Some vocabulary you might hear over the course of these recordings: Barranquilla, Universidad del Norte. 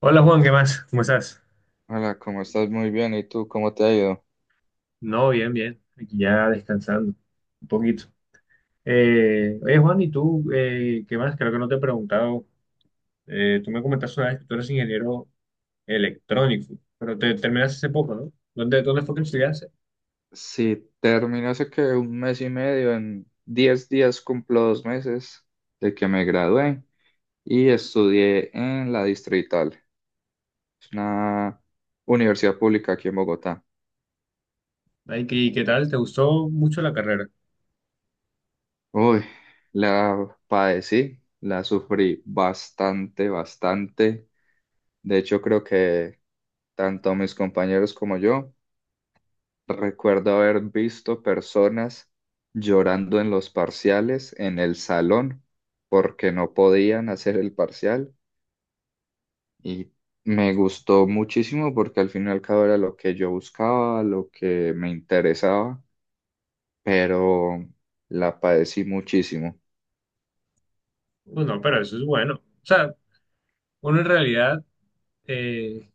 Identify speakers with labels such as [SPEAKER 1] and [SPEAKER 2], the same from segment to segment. [SPEAKER 1] Hola Juan, ¿qué más? ¿Cómo estás?
[SPEAKER 2] Hola, ¿cómo estás? Muy bien. ¿Y tú cómo te ha ido?
[SPEAKER 1] No, bien, bien. Aquí ya descansando un poquito. Oye, Juan, ¿y tú qué más? Creo que no te he preguntado. Tú me comentaste una vez que tú eres ingeniero electrónico, pero te terminaste hace poco, ¿no? ¿Dónde fue que estudiaste?
[SPEAKER 2] Sí, terminé hace que un mes y medio. En 10 días cumplo 2 meses de que me gradué y estudié en la Distrital. Es una universidad pública aquí en Bogotá.
[SPEAKER 1] Ay, qué tal? ¿Te gustó mucho la carrera?
[SPEAKER 2] Uy, la padecí, la sufrí bastante, bastante. De hecho, creo que tanto mis compañeros como yo. Recuerdo haber visto personas llorando en los parciales en el salón porque no podían hacer el parcial y me gustó muchísimo porque al fin y al cabo era lo que yo buscaba, lo que me interesaba, pero la padecí muchísimo.
[SPEAKER 1] Bueno, pero eso es bueno. O sea, uno en realidad, eh,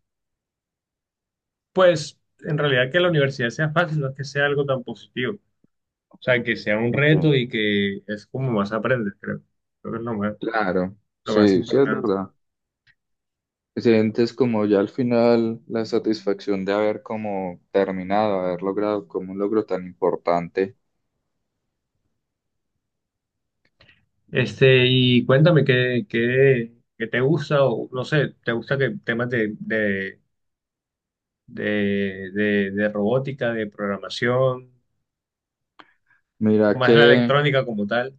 [SPEAKER 1] pues, en realidad que la universidad sea fácil, no es que sea algo tan positivo. O sea, que sea un
[SPEAKER 2] Ok.
[SPEAKER 1] reto y que es como más aprendes, creo. Creo que es lo
[SPEAKER 2] Claro,
[SPEAKER 1] lo más
[SPEAKER 2] sí, sí es
[SPEAKER 1] importante.
[SPEAKER 2] verdad. Sientes como ya al final la satisfacción de haber como terminado, haber logrado como un logro tan importante.
[SPEAKER 1] Este, y cuéntame qué te gusta, o no sé, ¿te gusta que temas de robótica, de programación, o
[SPEAKER 2] Mira
[SPEAKER 1] más la
[SPEAKER 2] que.
[SPEAKER 1] electrónica como tal?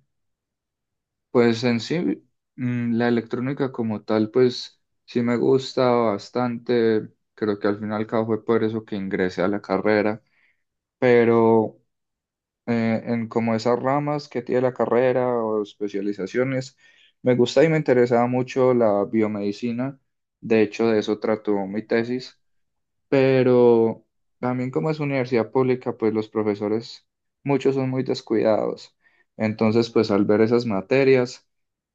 [SPEAKER 2] Pues en sí, la electrónica como tal, pues sí me gusta bastante. Creo que al final y al cabo fue por eso que ingresé a la carrera. Pero en como esas ramas que tiene la carrera o especializaciones, me gusta y me interesaba mucho la biomedicina. De hecho, de eso trató mi tesis, pero también como es universidad pública, pues los profesores, muchos son muy descuidados. Entonces, pues al ver esas materias,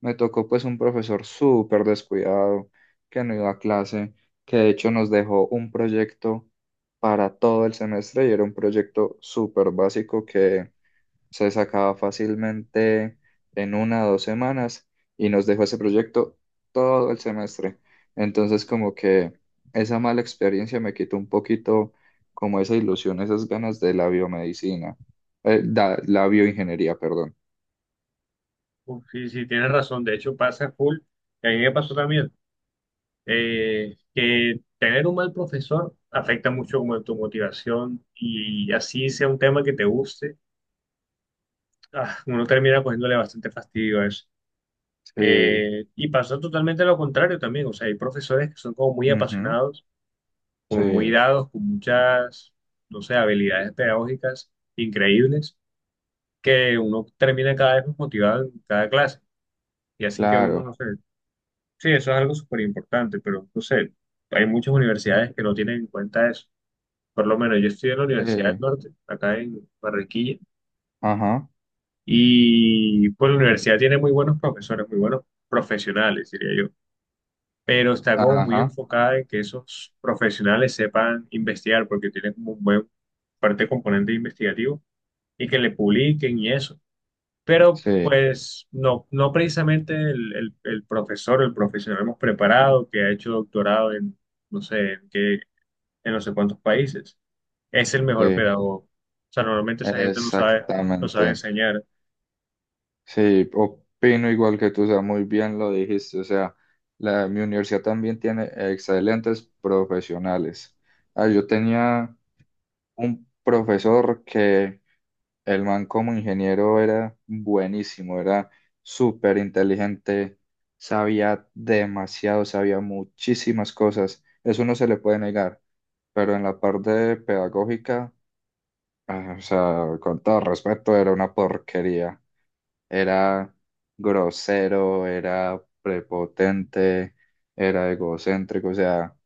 [SPEAKER 2] me tocó pues un profesor súper descuidado, que no iba a clase, que de hecho nos dejó un proyecto para todo el semestre y era un proyecto súper básico que se sacaba fácilmente en 1 o 2 semanas y nos dejó ese proyecto todo el semestre. Entonces como que esa mala experiencia me quitó un poquito como esa ilusión, esas ganas de la biomedicina, la bioingeniería, perdón.
[SPEAKER 1] Uf, sí, sí, tienes razón. De hecho, pasa full. Y a mí me pasó también, que tener un mal profesor afecta mucho como tu motivación y así sea un tema que te guste ah, uno termina cogiéndole bastante fastidio a eso.
[SPEAKER 2] Sí,
[SPEAKER 1] Y pasa totalmente lo contrario también, o sea, hay profesores que son como muy
[SPEAKER 2] ujú,
[SPEAKER 1] apasionados, como muy
[SPEAKER 2] sí,
[SPEAKER 1] dados, con no sé, habilidades pedagógicas increíbles, que uno termina cada vez más motivado en cada clase y hacen que uno,
[SPEAKER 2] claro,
[SPEAKER 1] no sé, sí, eso es algo súper importante, pero no sé, hay muchas universidades que no tienen en cuenta eso. Por lo menos yo estudié en la
[SPEAKER 2] sí,
[SPEAKER 1] Universidad del Norte, acá en Barranquilla.
[SPEAKER 2] ajá,
[SPEAKER 1] Y pues la universidad tiene muy buenos profesores, muy buenos profesionales, diría yo, pero está como muy
[SPEAKER 2] ajá,
[SPEAKER 1] enfocada en que esos profesionales sepan investigar, porque tienen como un buen parte componente investigativo y que le publiquen y eso. Pero
[SPEAKER 2] sí,
[SPEAKER 1] pues no, no precisamente el profesor, el profesional hemos preparado, que ha hecho doctorado en no sé, en no sé cuántos países, es el mejor
[SPEAKER 2] sí,
[SPEAKER 1] pedagogo. O sea, normalmente esa gente no sabe, no sabe
[SPEAKER 2] exactamente.
[SPEAKER 1] enseñar.
[SPEAKER 2] Sí, opino igual que tú, o sea, muy bien lo dijiste. O sea, mi universidad también tiene excelentes profesionales. Ah, yo tenía un profesor que el man como ingeniero era buenísimo, era súper inteligente, sabía demasiado, sabía muchísimas cosas, eso no se le puede negar, pero en la parte pedagógica, ah, o sea, con todo respeto, era una porquería. Era grosero, era prepotente, era egocéntrico, o sea,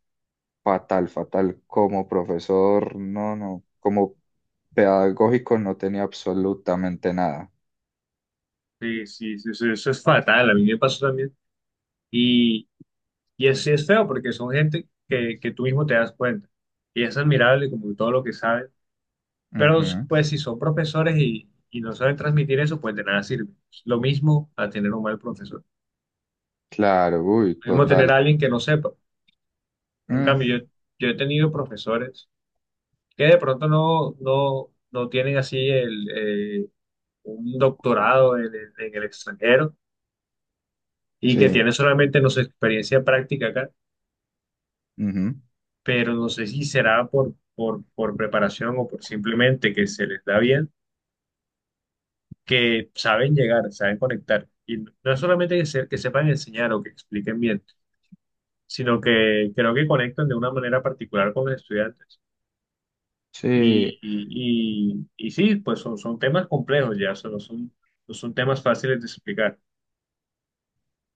[SPEAKER 2] fatal, fatal. Como profesor, no, no, como pedagógico no tenía absolutamente nada.
[SPEAKER 1] Sí, sí, sí, eso es fatal, a mí me pasó también. Y, y es, sí es feo porque son gente que tú mismo te das cuenta. Y es admirable como todo lo que saben. Pero
[SPEAKER 2] Ujú.
[SPEAKER 1] pues si son profesores y no saben transmitir eso, pues de nada sirve. Es lo mismo a tener un mal profesor.
[SPEAKER 2] Claro, uy,
[SPEAKER 1] Lo mismo tener a
[SPEAKER 2] total.
[SPEAKER 1] alguien que no sepa. En
[SPEAKER 2] Mm,
[SPEAKER 1] cambio, yo he tenido profesores que de pronto no tienen así el, un doctorado en el extranjero y que
[SPEAKER 2] sí,
[SPEAKER 1] tienen solamente, no sé, experiencia práctica acá,
[SPEAKER 2] ujú.
[SPEAKER 1] pero no sé si será por preparación o por simplemente que se les da bien, que saben llegar, saben conectar. Y no es solamente que, que sepan enseñar o que expliquen bien, sino que creo que conectan de una manera particular con los estudiantes. Y,
[SPEAKER 2] Sí,
[SPEAKER 1] y, y, y sí, pues son, son temas complejos ya, o sea, no son, no son temas fáciles de explicar.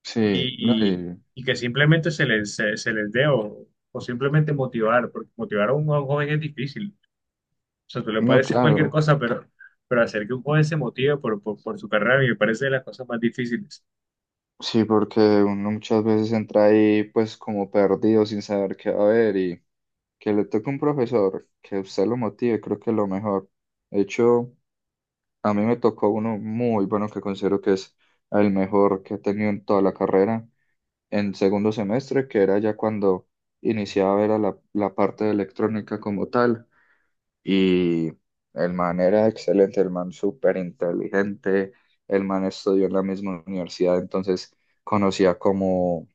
[SPEAKER 2] sí, no,
[SPEAKER 1] Y, y que simplemente se les dé o simplemente motivar, porque motivar a a un joven es difícil. O sea, tú le
[SPEAKER 2] no,
[SPEAKER 1] puedes decir cualquier
[SPEAKER 2] claro.
[SPEAKER 1] cosa, pero hacer que un joven se motive por su carrera me parece de las cosas más difíciles.
[SPEAKER 2] Sí, porque uno muchas veces entra ahí pues como perdido sin saber qué va a haber y que le toque un profesor que usted lo motive, creo que es lo mejor. De hecho, a mí me tocó uno muy bueno que considero que es el mejor que he tenido en toda la carrera en segundo semestre, que era ya cuando iniciaba a ver a la parte de electrónica como tal. Y el man era excelente, el man súper inteligente, el man estudió en la misma universidad, entonces conocía como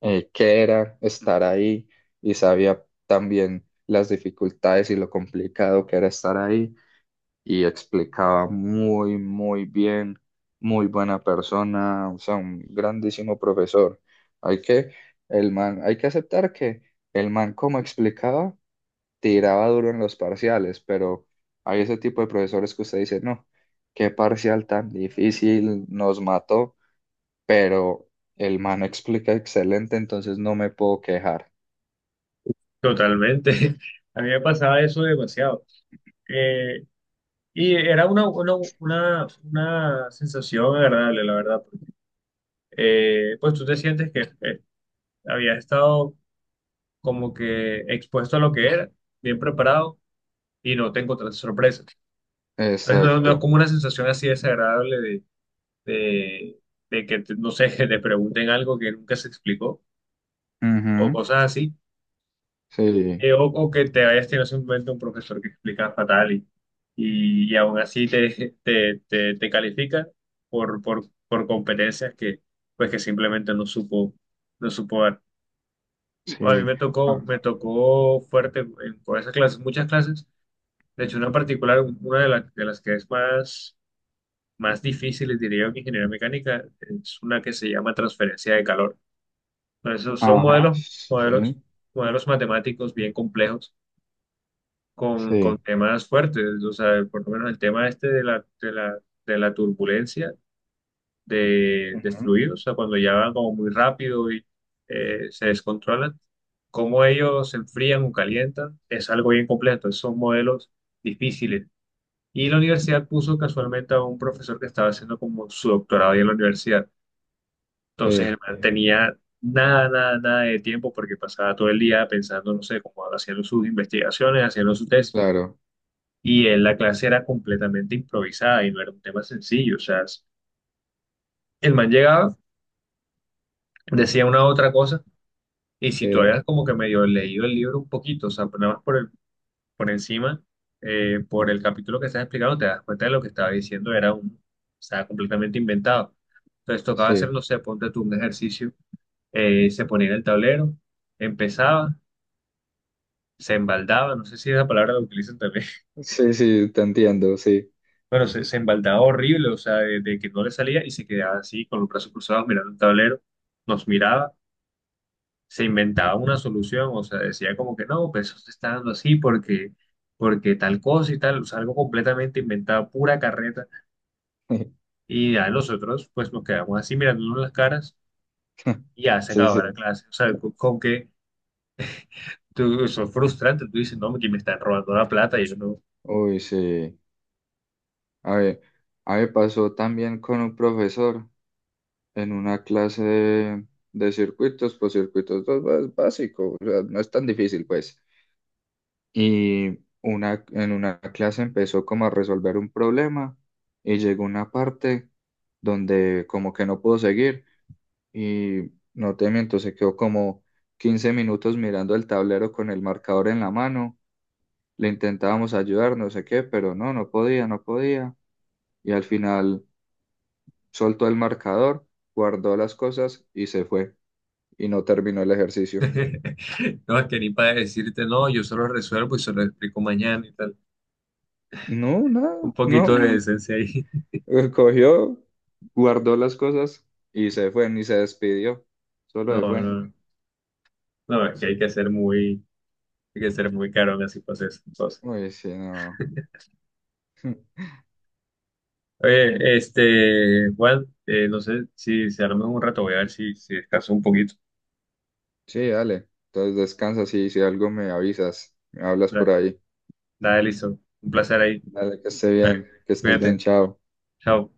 [SPEAKER 2] qué era estar ahí y sabía también las dificultades y lo complicado que era estar ahí y explicaba muy, muy bien, muy buena persona, o sea, un grandísimo profesor. Hay que, el man, hay que aceptar que el man como explicaba tiraba duro en los parciales, pero hay ese tipo de profesores que usted dice, no, qué parcial tan difícil, nos mató, pero el man explica excelente, entonces no me puedo quejar.
[SPEAKER 1] Totalmente. A mí me pasaba eso demasiado. Eh, y era una sensación agradable, la verdad, porque, pues tú te sientes que eh, habías estado como que expuesto a lo que era, bien preparado, y no te encontraste sorpresas. Entonces no, no es
[SPEAKER 2] Exacto.
[SPEAKER 1] como una sensación así desagradable de, de que, no sé, que te pregunten algo que nunca se explicó o
[SPEAKER 2] Ujú.
[SPEAKER 1] cosas así,
[SPEAKER 2] Sí,
[SPEAKER 1] o que te hayas tenido simplemente un profesor que explica fatal y aún así te califica por competencias que, pues que simplemente no supo, no supo dar. A mí
[SPEAKER 2] sí.
[SPEAKER 1] me
[SPEAKER 2] Ah,
[SPEAKER 1] me tocó fuerte por esas clases, muchas clases, de hecho una en particular, las de las que es más difícil, diría yo, que ingeniería mecánica, es una que se llama transferencia de calor. Entonces, son
[SPEAKER 2] ajá,
[SPEAKER 1] modelos,
[SPEAKER 2] sí,
[SPEAKER 1] modelos matemáticos bien complejos con
[SPEAKER 2] sí.
[SPEAKER 1] temas fuertes, o sea, por lo menos el tema este de la turbulencia de
[SPEAKER 2] Ujú.
[SPEAKER 1] fluidos, o sea, cuando ya van como muy rápido y se descontrolan, cómo ellos se enfrían o calientan, es algo bien complejo, esos son modelos difíciles. Y la universidad puso casualmente a un profesor que estaba haciendo como su doctorado ahí en la universidad, entonces
[SPEAKER 2] Sí,
[SPEAKER 1] el man Ok. tenía... Nada de tiempo porque pasaba todo el día pensando, no sé, como haciendo sus investigaciones, haciendo su tesis
[SPEAKER 2] claro.
[SPEAKER 1] y en la clase era completamente improvisada y no era un tema sencillo. O sea, el man llegaba, decía una u otra cosa, y si tú
[SPEAKER 2] Sí,
[SPEAKER 1] habías como que medio leído el libro un poquito, o sea, nada más por, por encima,
[SPEAKER 2] ah,
[SPEAKER 1] por el capítulo que estás explicando, te das cuenta de lo que estaba diciendo era estaba completamente inventado. Entonces tocaba hacer,
[SPEAKER 2] sí.
[SPEAKER 1] no sé, ponte tú un ejercicio, se ponía en el tablero, empezaba, se embaldaba, no sé si esa palabra la utilizan también.
[SPEAKER 2] Sí, sí, te entiendo, sí.
[SPEAKER 1] Bueno, se embaldaba horrible, o sea, de que no le salía y se quedaba así con los brazos cruzados mirando el tablero, nos miraba, se inventaba una solución, o sea, decía como que no, pues eso se está dando así porque, porque tal cosa y tal, o sea, algo completamente inventado, pura carreta, y a nosotros pues nos quedamos así mirándonos las caras y ya se
[SPEAKER 2] Sí,
[SPEAKER 1] acababa la
[SPEAKER 2] sí.
[SPEAKER 1] clase, o sea, con que tú, eso es frustrante, tú dices, no, que me están robando la plata y yo no,
[SPEAKER 2] Uy, sí. A ver, a mí me pasó también con un profesor en una clase de circuitos, pues circuitos dos, pues, básico, o sea, no es tan difícil, pues. Y en una clase empezó como a resolver un problema y llegó una parte donde como que no pudo seguir y no te miento, se quedó como 15 minutos mirando el tablero con el marcador en la mano. Le intentábamos ayudar, no sé qué, pero no, no podía, no podía. Y al final soltó el marcador, guardó las cosas y se fue. Y no terminó el ejercicio.
[SPEAKER 1] no, es que ni para decirte, no, yo solo resuelvo y se lo explico mañana y tal.
[SPEAKER 2] No, nada,
[SPEAKER 1] Un
[SPEAKER 2] no.
[SPEAKER 1] poquito de decencia ahí.
[SPEAKER 2] Cogió, guardó las cosas y se fue, ni se despidió. Solo
[SPEAKER 1] No,
[SPEAKER 2] se
[SPEAKER 1] no,
[SPEAKER 2] fue.
[SPEAKER 1] no. No, es que hay que ser muy, hay que ser muy caro así para hacer esas cosas.
[SPEAKER 2] Uy, sí, no.
[SPEAKER 1] Oye, este, Juan, no sé si se arma un rato, voy a ver si descanso un poquito.
[SPEAKER 2] Sí, dale. Entonces descansa, sí, si algo me avisas, me hablas por
[SPEAKER 1] Dale,
[SPEAKER 2] ahí.
[SPEAKER 1] dale, listo. Un placer ahí.
[SPEAKER 2] Dale, que esté bien, que estés bien,
[SPEAKER 1] Cuídate.
[SPEAKER 2] chao.
[SPEAKER 1] Chao.